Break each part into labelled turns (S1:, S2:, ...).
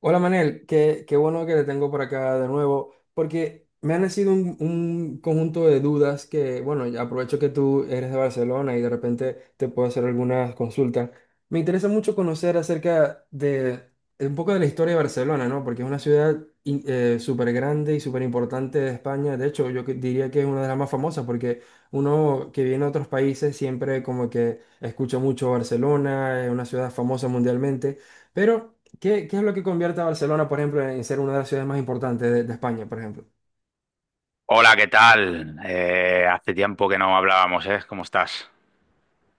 S1: Hola Manel, qué bueno que te tengo por acá de nuevo, porque me han nacido un conjunto de dudas que, bueno, ya aprovecho que tú eres de Barcelona y de repente te puedo hacer algunas consultas. Me interesa mucho conocer acerca de un poco de la historia de Barcelona, ¿no? Porque es una ciudad súper grande y súper importante de España. De hecho, diría que es una de las más famosas porque uno que viene a otros países siempre como que escucha mucho Barcelona, es una ciudad famosa mundialmente. Pero, ¿qué es lo que convierte a Barcelona, por ejemplo, en ser una de las ciudades más importantes de España, por ejemplo?
S2: Hola, ¿qué tal? Hace tiempo que no hablábamos, ¿eh? ¿Cómo estás?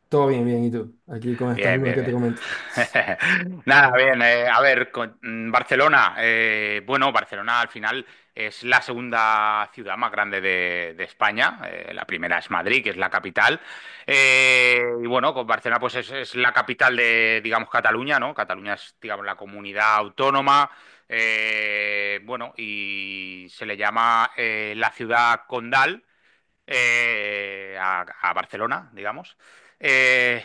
S1: Todo bien, bien, ¿y tú? Aquí con estas
S2: Bien,
S1: dudas
S2: bien,
S1: que
S2: bien.
S1: te comento.
S2: Nada, bien. A ver, Barcelona. Bueno, Barcelona al final es la segunda ciudad más grande de España. La primera es Madrid, que es la capital. Y bueno, con Barcelona pues es la capital de, digamos, Cataluña, ¿no? Cataluña es, digamos, la comunidad autónoma. Bueno, y se le llama la ciudad condal a Barcelona, digamos. Eh,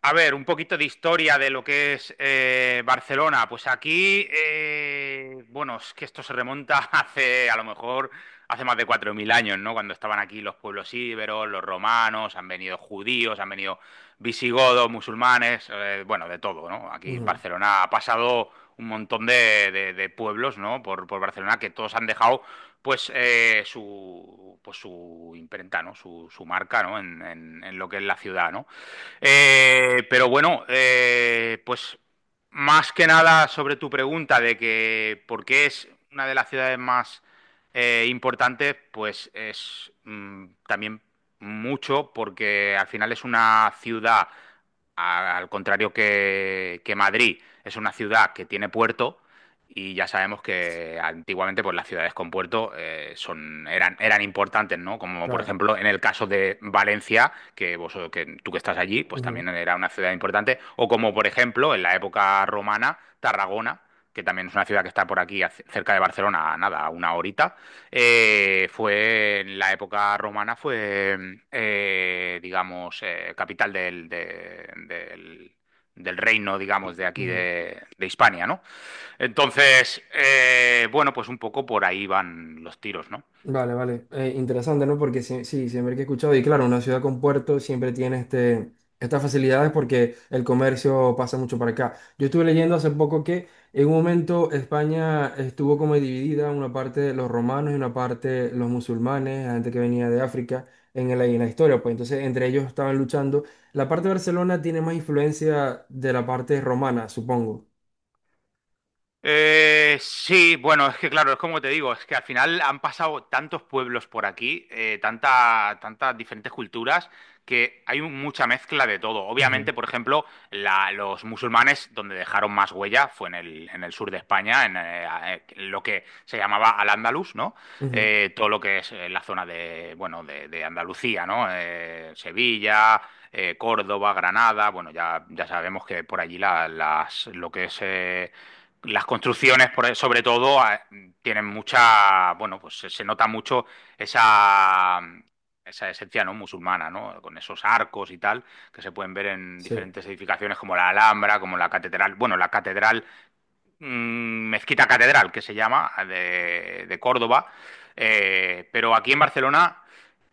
S2: a ver, un poquito de historia de lo que es Barcelona. Pues aquí, bueno, es que esto se remonta a lo mejor, hace más de 4.000 años, ¿no? Cuando estaban aquí los pueblos íberos, los romanos, han venido judíos, han venido visigodos, musulmanes, bueno, de todo, ¿no? Aquí en
S1: Ujú,
S2: Barcelona ha pasado un montón de pueblos, ¿no? Por Barcelona que todos han dejado pues su imprenta, ¿no? Su marca, ¿no? En lo que es la ciudad, ¿no? Pero bueno, pues más que nada sobre tu pregunta de que por qué es una de las ciudades más importantes, pues es también mucho porque al final es una ciudad, al contrario que Madrid, es una ciudad que tiene puerto y ya sabemos que antiguamente pues, las ciudades con puerto eran importantes, ¿no? Como por
S1: claro.
S2: ejemplo en el caso de Valencia, que tú que estás allí, pues
S1: Ujú,
S2: también era una ciudad importante. O como por ejemplo en la época romana, Tarragona, que también es una ciudad que está por aquí, cerca de Barcelona, nada, a una horita. Fue en la época romana, fue, digamos, capital del reino, digamos, de aquí
S1: ujú.
S2: de Hispania, ¿no? Entonces, bueno, pues un poco por ahí van los tiros, ¿no?
S1: Vale, vale. Interesante, ¿no? Porque sí, sí, siempre que he escuchado, y claro, una ciudad con puerto siempre tiene estas facilidades porque el comercio pasa mucho para acá. Yo estuve leyendo hace poco que en un momento España estuvo como dividida, una parte de los romanos y una parte de los musulmanes, la gente que venía de África en la historia, pues entonces entre ellos estaban luchando. La parte de Barcelona tiene más influencia de la parte romana, supongo.
S2: Sí, bueno, es que claro, es como te digo, es que al final han pasado tantos pueblos por aquí, tantas diferentes culturas, que hay mucha mezcla de todo.
S1: Ujú,
S2: Obviamente, por ejemplo, los musulmanes, donde dejaron más huella, fue en el sur de España, lo que se llamaba Al-Ándalus, ¿no?
S1: ujú,
S2: Todo lo que es la zona de, bueno, de Andalucía, ¿no? Sevilla, Córdoba, Granada, bueno, ya sabemos que por allí lo que es las construcciones, sobre todo, tienen mucha, bueno, pues se nota mucho esa, esa esencia no musulmana, ¿no? Con esos arcos y tal, que se pueden ver en
S1: sí,
S2: diferentes edificaciones como la Alhambra, como la catedral. Bueno, la catedral Mezquita Catedral, que se llama, de Córdoba. Pero aquí en Barcelona,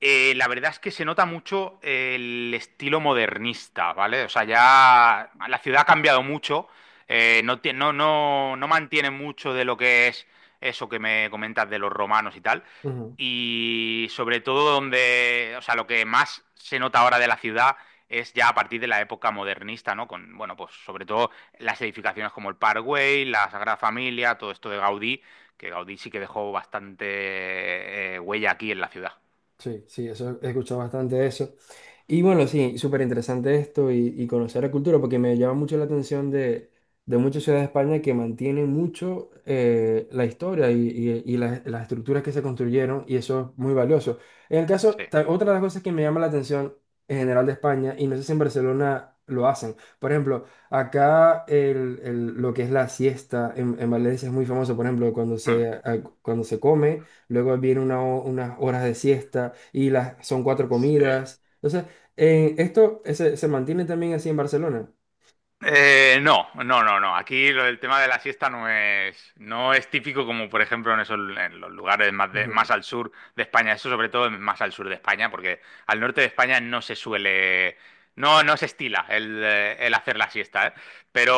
S2: la verdad es que se nota mucho el estilo modernista, ¿vale? O sea, ya la ciudad ha cambiado mucho, no mantiene mucho de lo que es eso que me comentas de los romanos y tal.
S1: ujú,
S2: Y sobre todo donde, o sea, lo que más se nota ahora de la ciudad es ya a partir de la época modernista, ¿no? Con, bueno, pues sobre todo las edificaciones como el Parkway, la Sagrada Familia, todo esto de Gaudí, que Gaudí sí que dejó bastante huella aquí en la ciudad.
S1: sí, sí, eso he escuchado bastante eso. Y bueno, sí, súper interesante esto y conocer la cultura, porque me llama mucho la atención de muchas ciudades de España que mantienen mucho la historia y, y las estructuras que se construyeron, y eso es muy valioso. En el caso,
S2: Sí.
S1: otra de las cosas que me llama la atención en general de España, y no sé si en Barcelona lo hacen, por ejemplo, acá el, lo que es la siesta en Valencia es muy famoso, por ejemplo, cuando
S2: Hmm.
S1: cuando se come, luego viene una unas horas de siesta y las, son cuatro
S2: Sí.
S1: comidas. Entonces, en esto se mantiene también así en Barcelona.
S2: No, no, no, no. Aquí lo del tema de la siesta no es típico como por ejemplo en esos, en los lugares más
S1: Ujú,
S2: al sur de España. Eso sobre todo más al sur de España, porque al norte de España no se estila el hacer la siesta, ¿eh? Pero,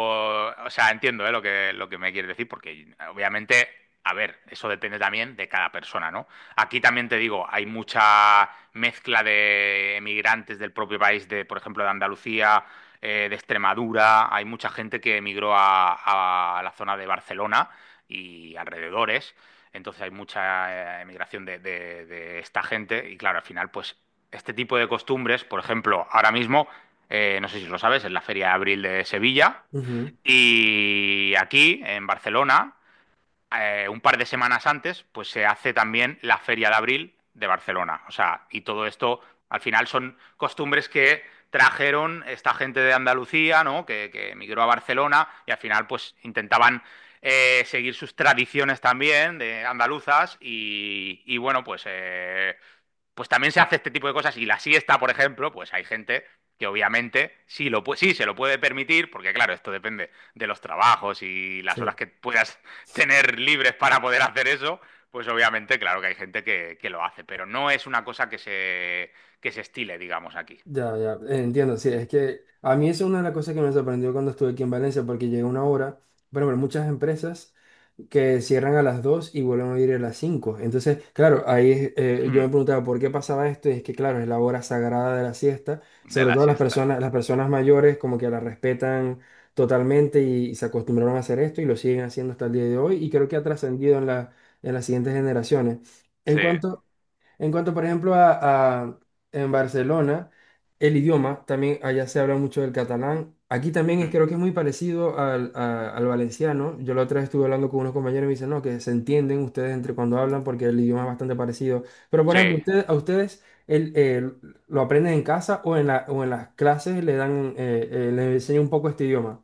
S2: o sea, entiendo, ¿eh? Lo que lo que me quieres decir, porque obviamente, a ver, eso depende también de cada persona, ¿no? Aquí también te digo, hay mucha mezcla de emigrantes del propio país, de, por ejemplo, de Andalucía, de Extremadura, hay mucha gente que emigró a la zona de Barcelona y alrededores, entonces hay mucha emigración de esta gente y claro, al final pues este tipo de costumbres, por ejemplo, ahora mismo, no sé si lo sabes, es la Feria de Abril de Sevilla
S1: ujú,
S2: y aquí en Barcelona un par de semanas antes, pues se hace también la Feria de Abril de Barcelona. O sea, y todo esto al final son costumbres que trajeron esta gente de Andalucía, ¿no? Que emigró a Barcelona y al final pues intentaban seguir sus tradiciones también de andaluzas y, bueno, pues también se hace este tipo de cosas. Y la siesta, por ejemplo, pues hay gente que obviamente sí, sí se lo puede permitir, porque claro, esto depende de los trabajos y las horas
S1: sí.
S2: que puedas tener libres para poder hacer eso, pues obviamente claro que hay gente que lo hace, pero no es una cosa que se estile, digamos, aquí.
S1: Ya, ya, entiendo, sí, es que a mí eso es una de las cosas que me sorprendió cuando estuve aquí en Valencia, porque llegué una hora, bueno, pero muchas empresas que cierran a las 2 y vuelven a abrir a las 5. Entonces, claro, ahí es, yo
S2: Hmm.
S1: me preguntaba por qué pasaba esto, y es que, claro, es la hora sagrada de la siesta,
S2: De
S1: sobre
S2: la
S1: todo
S2: siesta.
S1: las personas mayores como que la respetan totalmente y, se acostumbraron a hacer esto y lo siguen haciendo hasta el día de hoy, y creo que ha trascendido en en las siguientes generaciones. En
S2: Sí.
S1: cuanto… En cuanto, por ejemplo, en Barcelona, el idioma, también allá se habla mucho del catalán. Aquí también es,
S2: Hmm.
S1: creo que es muy parecido al, al valenciano. Yo la otra vez estuve hablando con unos compañeros y me dicen, no, que se entienden ustedes entre cuando hablan porque el idioma es bastante parecido. Pero, por ejemplo,
S2: Sí.
S1: ustedes, a ustedes el, lo aprenden en casa o en la, o en las clases le dan, les enseñan un poco este idioma.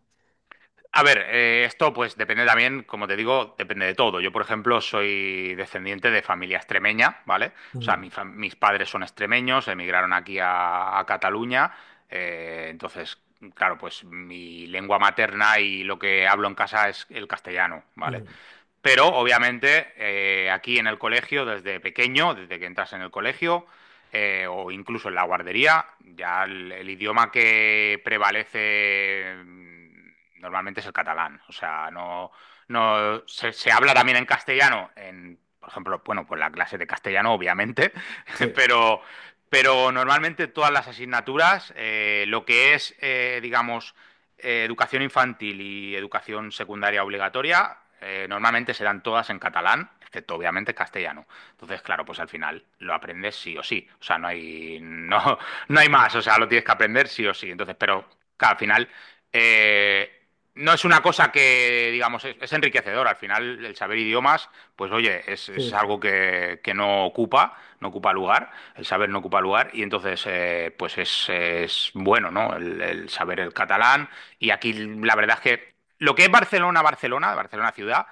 S2: A ver, esto pues depende también, como te digo, depende de todo. Yo, por ejemplo, soy descendiente de familia extremeña, ¿vale? O sea,
S1: Ujú,
S2: mis padres son extremeños, emigraron aquí a Cataluña. Entonces, claro, pues mi lengua materna y lo que hablo en casa es el castellano, ¿vale?
S1: ujú,
S2: Pero obviamente aquí en el colegio, desde pequeño, desde que entras en el colegio o incluso en la guardería, ya el idioma que prevalece normalmente es el catalán. O sea, no, se habla también en castellano, en, por ejemplo, bueno, pues la clase de castellano, obviamente,
S1: sí,
S2: pero, pero normalmente todas las asignaturas, lo que es, digamos, educación infantil y educación secundaria obligatoria normalmente se dan todas en catalán, excepto obviamente castellano. Entonces, claro, pues al final lo aprendes sí o sí. O sea, no hay más. O sea, lo tienes que aprender sí o sí. Entonces, pero claro, al final eh, no es una cosa que, digamos, es enriquecedor. Al final, el saber idiomas, pues oye,
S1: sí,
S2: es
S1: sí.
S2: algo que no ocupa lugar, el saber no ocupa lugar, y entonces, pues es bueno, ¿no? El saber el catalán. Y aquí la verdad es que lo que es Barcelona ciudad,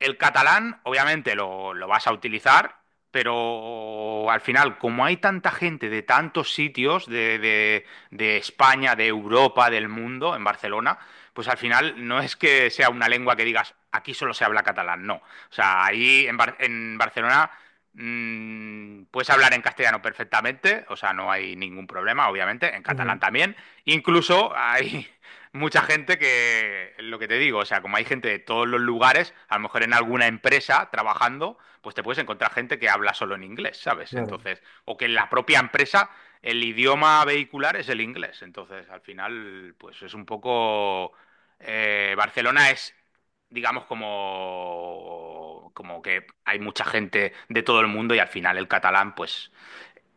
S2: el catalán, obviamente, lo vas a utilizar, pero al final, como hay tanta gente de tantos sitios, de España, de Europa, del mundo, en Barcelona, pues al final no es que sea una lengua que digas, aquí solo se habla catalán, no. O sea, ahí en Barcelona puedes hablar en castellano perfectamente, o sea, no hay ningún problema, obviamente, en
S1: Ujú,
S2: catalán también. Incluso hay mucha gente que, lo que te digo, o sea, como hay gente de todos los lugares, a lo mejor en alguna empresa trabajando, pues te puedes encontrar gente que habla solo en inglés, ¿sabes?
S1: claro.
S2: Entonces, o que en la propia empresa el idioma vehicular es el inglés. Entonces, al final, pues es un poco... Barcelona es, digamos, como que hay mucha gente de todo el mundo y al final el catalán, pues,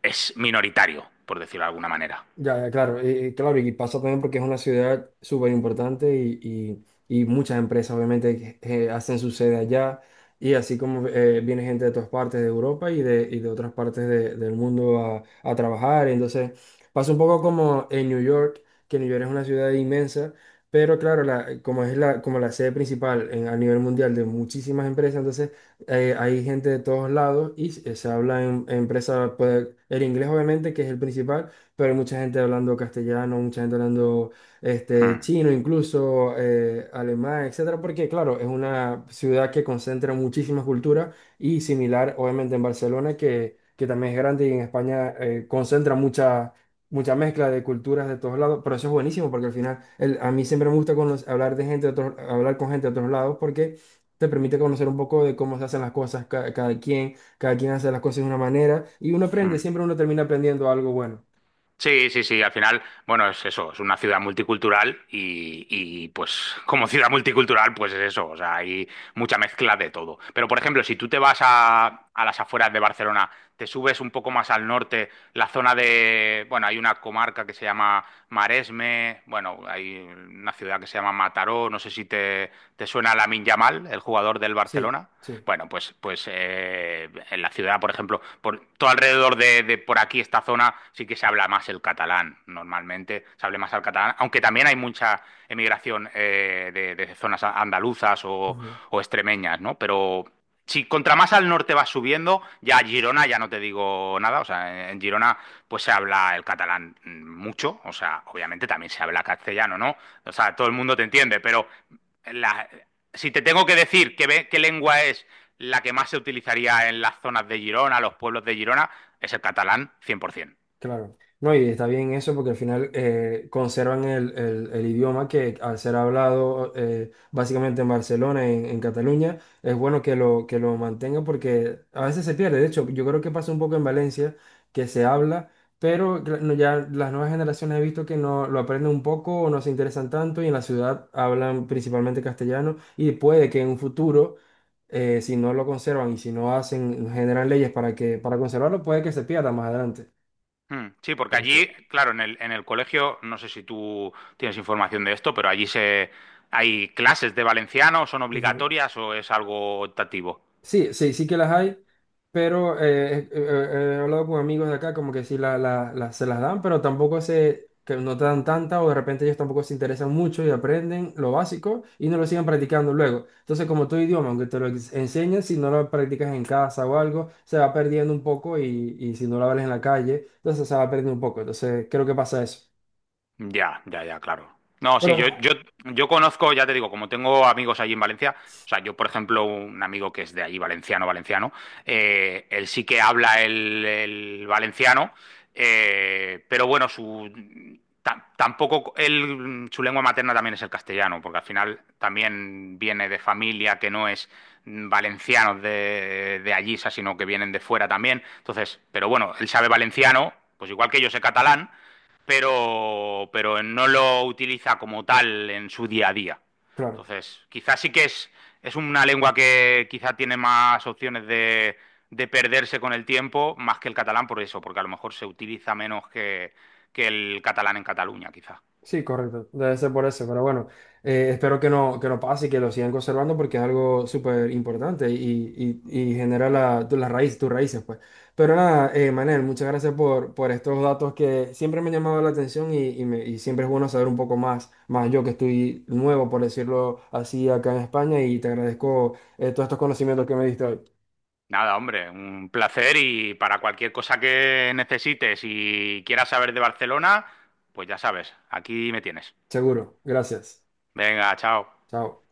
S2: es minoritario, por decirlo de alguna manera.
S1: Ya, ya, claro, claro, y pasa también porque es una ciudad súper importante y, y muchas empresas obviamente hacen su sede allá y así como viene gente de todas partes de Europa y de otras partes del mundo a trabajar, entonces pasa un poco como en New York, que New York es una ciudad inmensa, pero claro, la, como es la, como la sede principal a nivel mundial de muchísimas empresas, entonces hay gente de todos lados y se habla en empresa, pues, el inglés obviamente, que es el principal, pero hay mucha gente hablando castellano, mucha gente hablando este,
S2: Hmm,
S1: chino, incluso alemán, etcétera, porque claro, es una ciudad que concentra muchísimas culturas y similar, obviamente, en Barcelona, que también es grande y en España concentra mucha mezcla de culturas de todos lados, pero eso es buenísimo porque al final a mí siempre me gusta hablar de gente de otros- hablar con gente de otros lados porque te permite conocer un poco de cómo se hacen las cosas cada quien hace las cosas de una manera y uno
S2: hmm.
S1: aprende, siempre uno termina aprendiendo algo bueno.
S2: Sí, sí, sí, al final, bueno, es eso, es una ciudad multicultural y, pues como ciudad multicultural, pues es eso, o sea, hay mucha mezcla de todo. Pero por ejemplo, si tú te vas a las afueras de Barcelona, te subes un poco más al norte, la zona de, bueno, hay una comarca que se llama Maresme, bueno, hay una ciudad que se llama Mataró, no sé si te suena Lamine Yamal, el jugador del
S1: Sí,
S2: Barcelona.
S1: sí.
S2: Bueno, en la ciudad, por ejemplo, por todo alrededor de por aquí, esta zona, sí que se habla más el catalán. Normalmente se habla más el catalán, aunque también hay mucha emigración de zonas andaluzas
S1: Ujú.
S2: o extremeñas, ¿no? Pero si contra más al norte vas subiendo, ya Girona, ya no te digo nada, o sea, en Girona pues se habla el catalán mucho, o sea, obviamente también se habla castellano, ¿no? O sea, todo el mundo te entiende, pero la- si te tengo que decir qué lengua es la que más se utilizaría en las zonas de Girona, los pueblos de Girona, es el catalán 100%.
S1: Claro. No, y está bien eso porque al final conservan el, el idioma que al ser hablado básicamente en Barcelona, en Cataluña, es bueno que lo mantengan porque a veces se pierde. De hecho, yo creo que pasa un poco en Valencia que se habla, pero no, ya las nuevas generaciones he visto que no lo aprenden un poco o no se interesan tanto y en la ciudad hablan principalmente castellano y puede que en un futuro… Eh, si no lo conservan y si no hacen, generan leyes para que, para conservarlo, puede que se pierda más adelante.
S2: Hmm, sí, porque allí, claro, en el colegio, no sé si tú tienes información de esto, pero allí hay clases de valenciano, son
S1: Ujú.
S2: obligatorias o es algo optativo.
S1: Sí, sí, sí que las hay, pero he hablado con amigos de acá como que sí la, se las dan, pero tampoco se, que no te dan tanta o de repente ellos tampoco se interesan mucho y aprenden lo básico y no lo siguen practicando luego. Entonces, como tu idioma, aunque te lo enseñen, si no lo practicas en casa o algo, se va perdiendo un poco y si no lo hablas en la calle, entonces se va perdiendo un poco. Entonces, creo que pasa eso.
S2: Ya, ya, ya, claro. No,
S1: Pero,
S2: sí, yo conozco, ya te digo, como tengo amigos allí en Valencia, o sea, yo, por ejemplo, un amigo que es de allí, valenciano, valenciano, él sí que habla el valenciano, pero bueno, tampoco, él, su lengua materna también es el castellano, porque al final también viene de familia que no es valencianos de allí, o sea, sino que vienen de fuera también. Entonces, pero bueno, él sabe valenciano, pues igual que yo sé catalán pero no lo utiliza como tal en su día a día.
S1: claro.
S2: Entonces, quizás sí que es una lengua que quizá tiene más opciones de perderse con el tiempo, más que el catalán por eso, porque a lo mejor se utiliza menos que el catalán en Cataluña, quizá.
S1: Sí, correcto. Debe ser por eso. Pero bueno, espero que no pase y que lo sigan conservando porque es algo súper importante y genera la, la raíz, tus raíces, pues. Pero nada, Manel, muchas gracias por estos datos que siempre me han llamado la atención y, y siempre es bueno saber un poco más, más yo que estoy nuevo, por decirlo así, acá en España y te agradezco todos estos conocimientos que me diste hoy.
S2: Nada, hombre, un placer y para cualquier cosa que necesites y quieras saber de Barcelona, pues ya sabes, aquí me tienes.
S1: Seguro. Gracias.
S2: Venga, chao.
S1: Chao.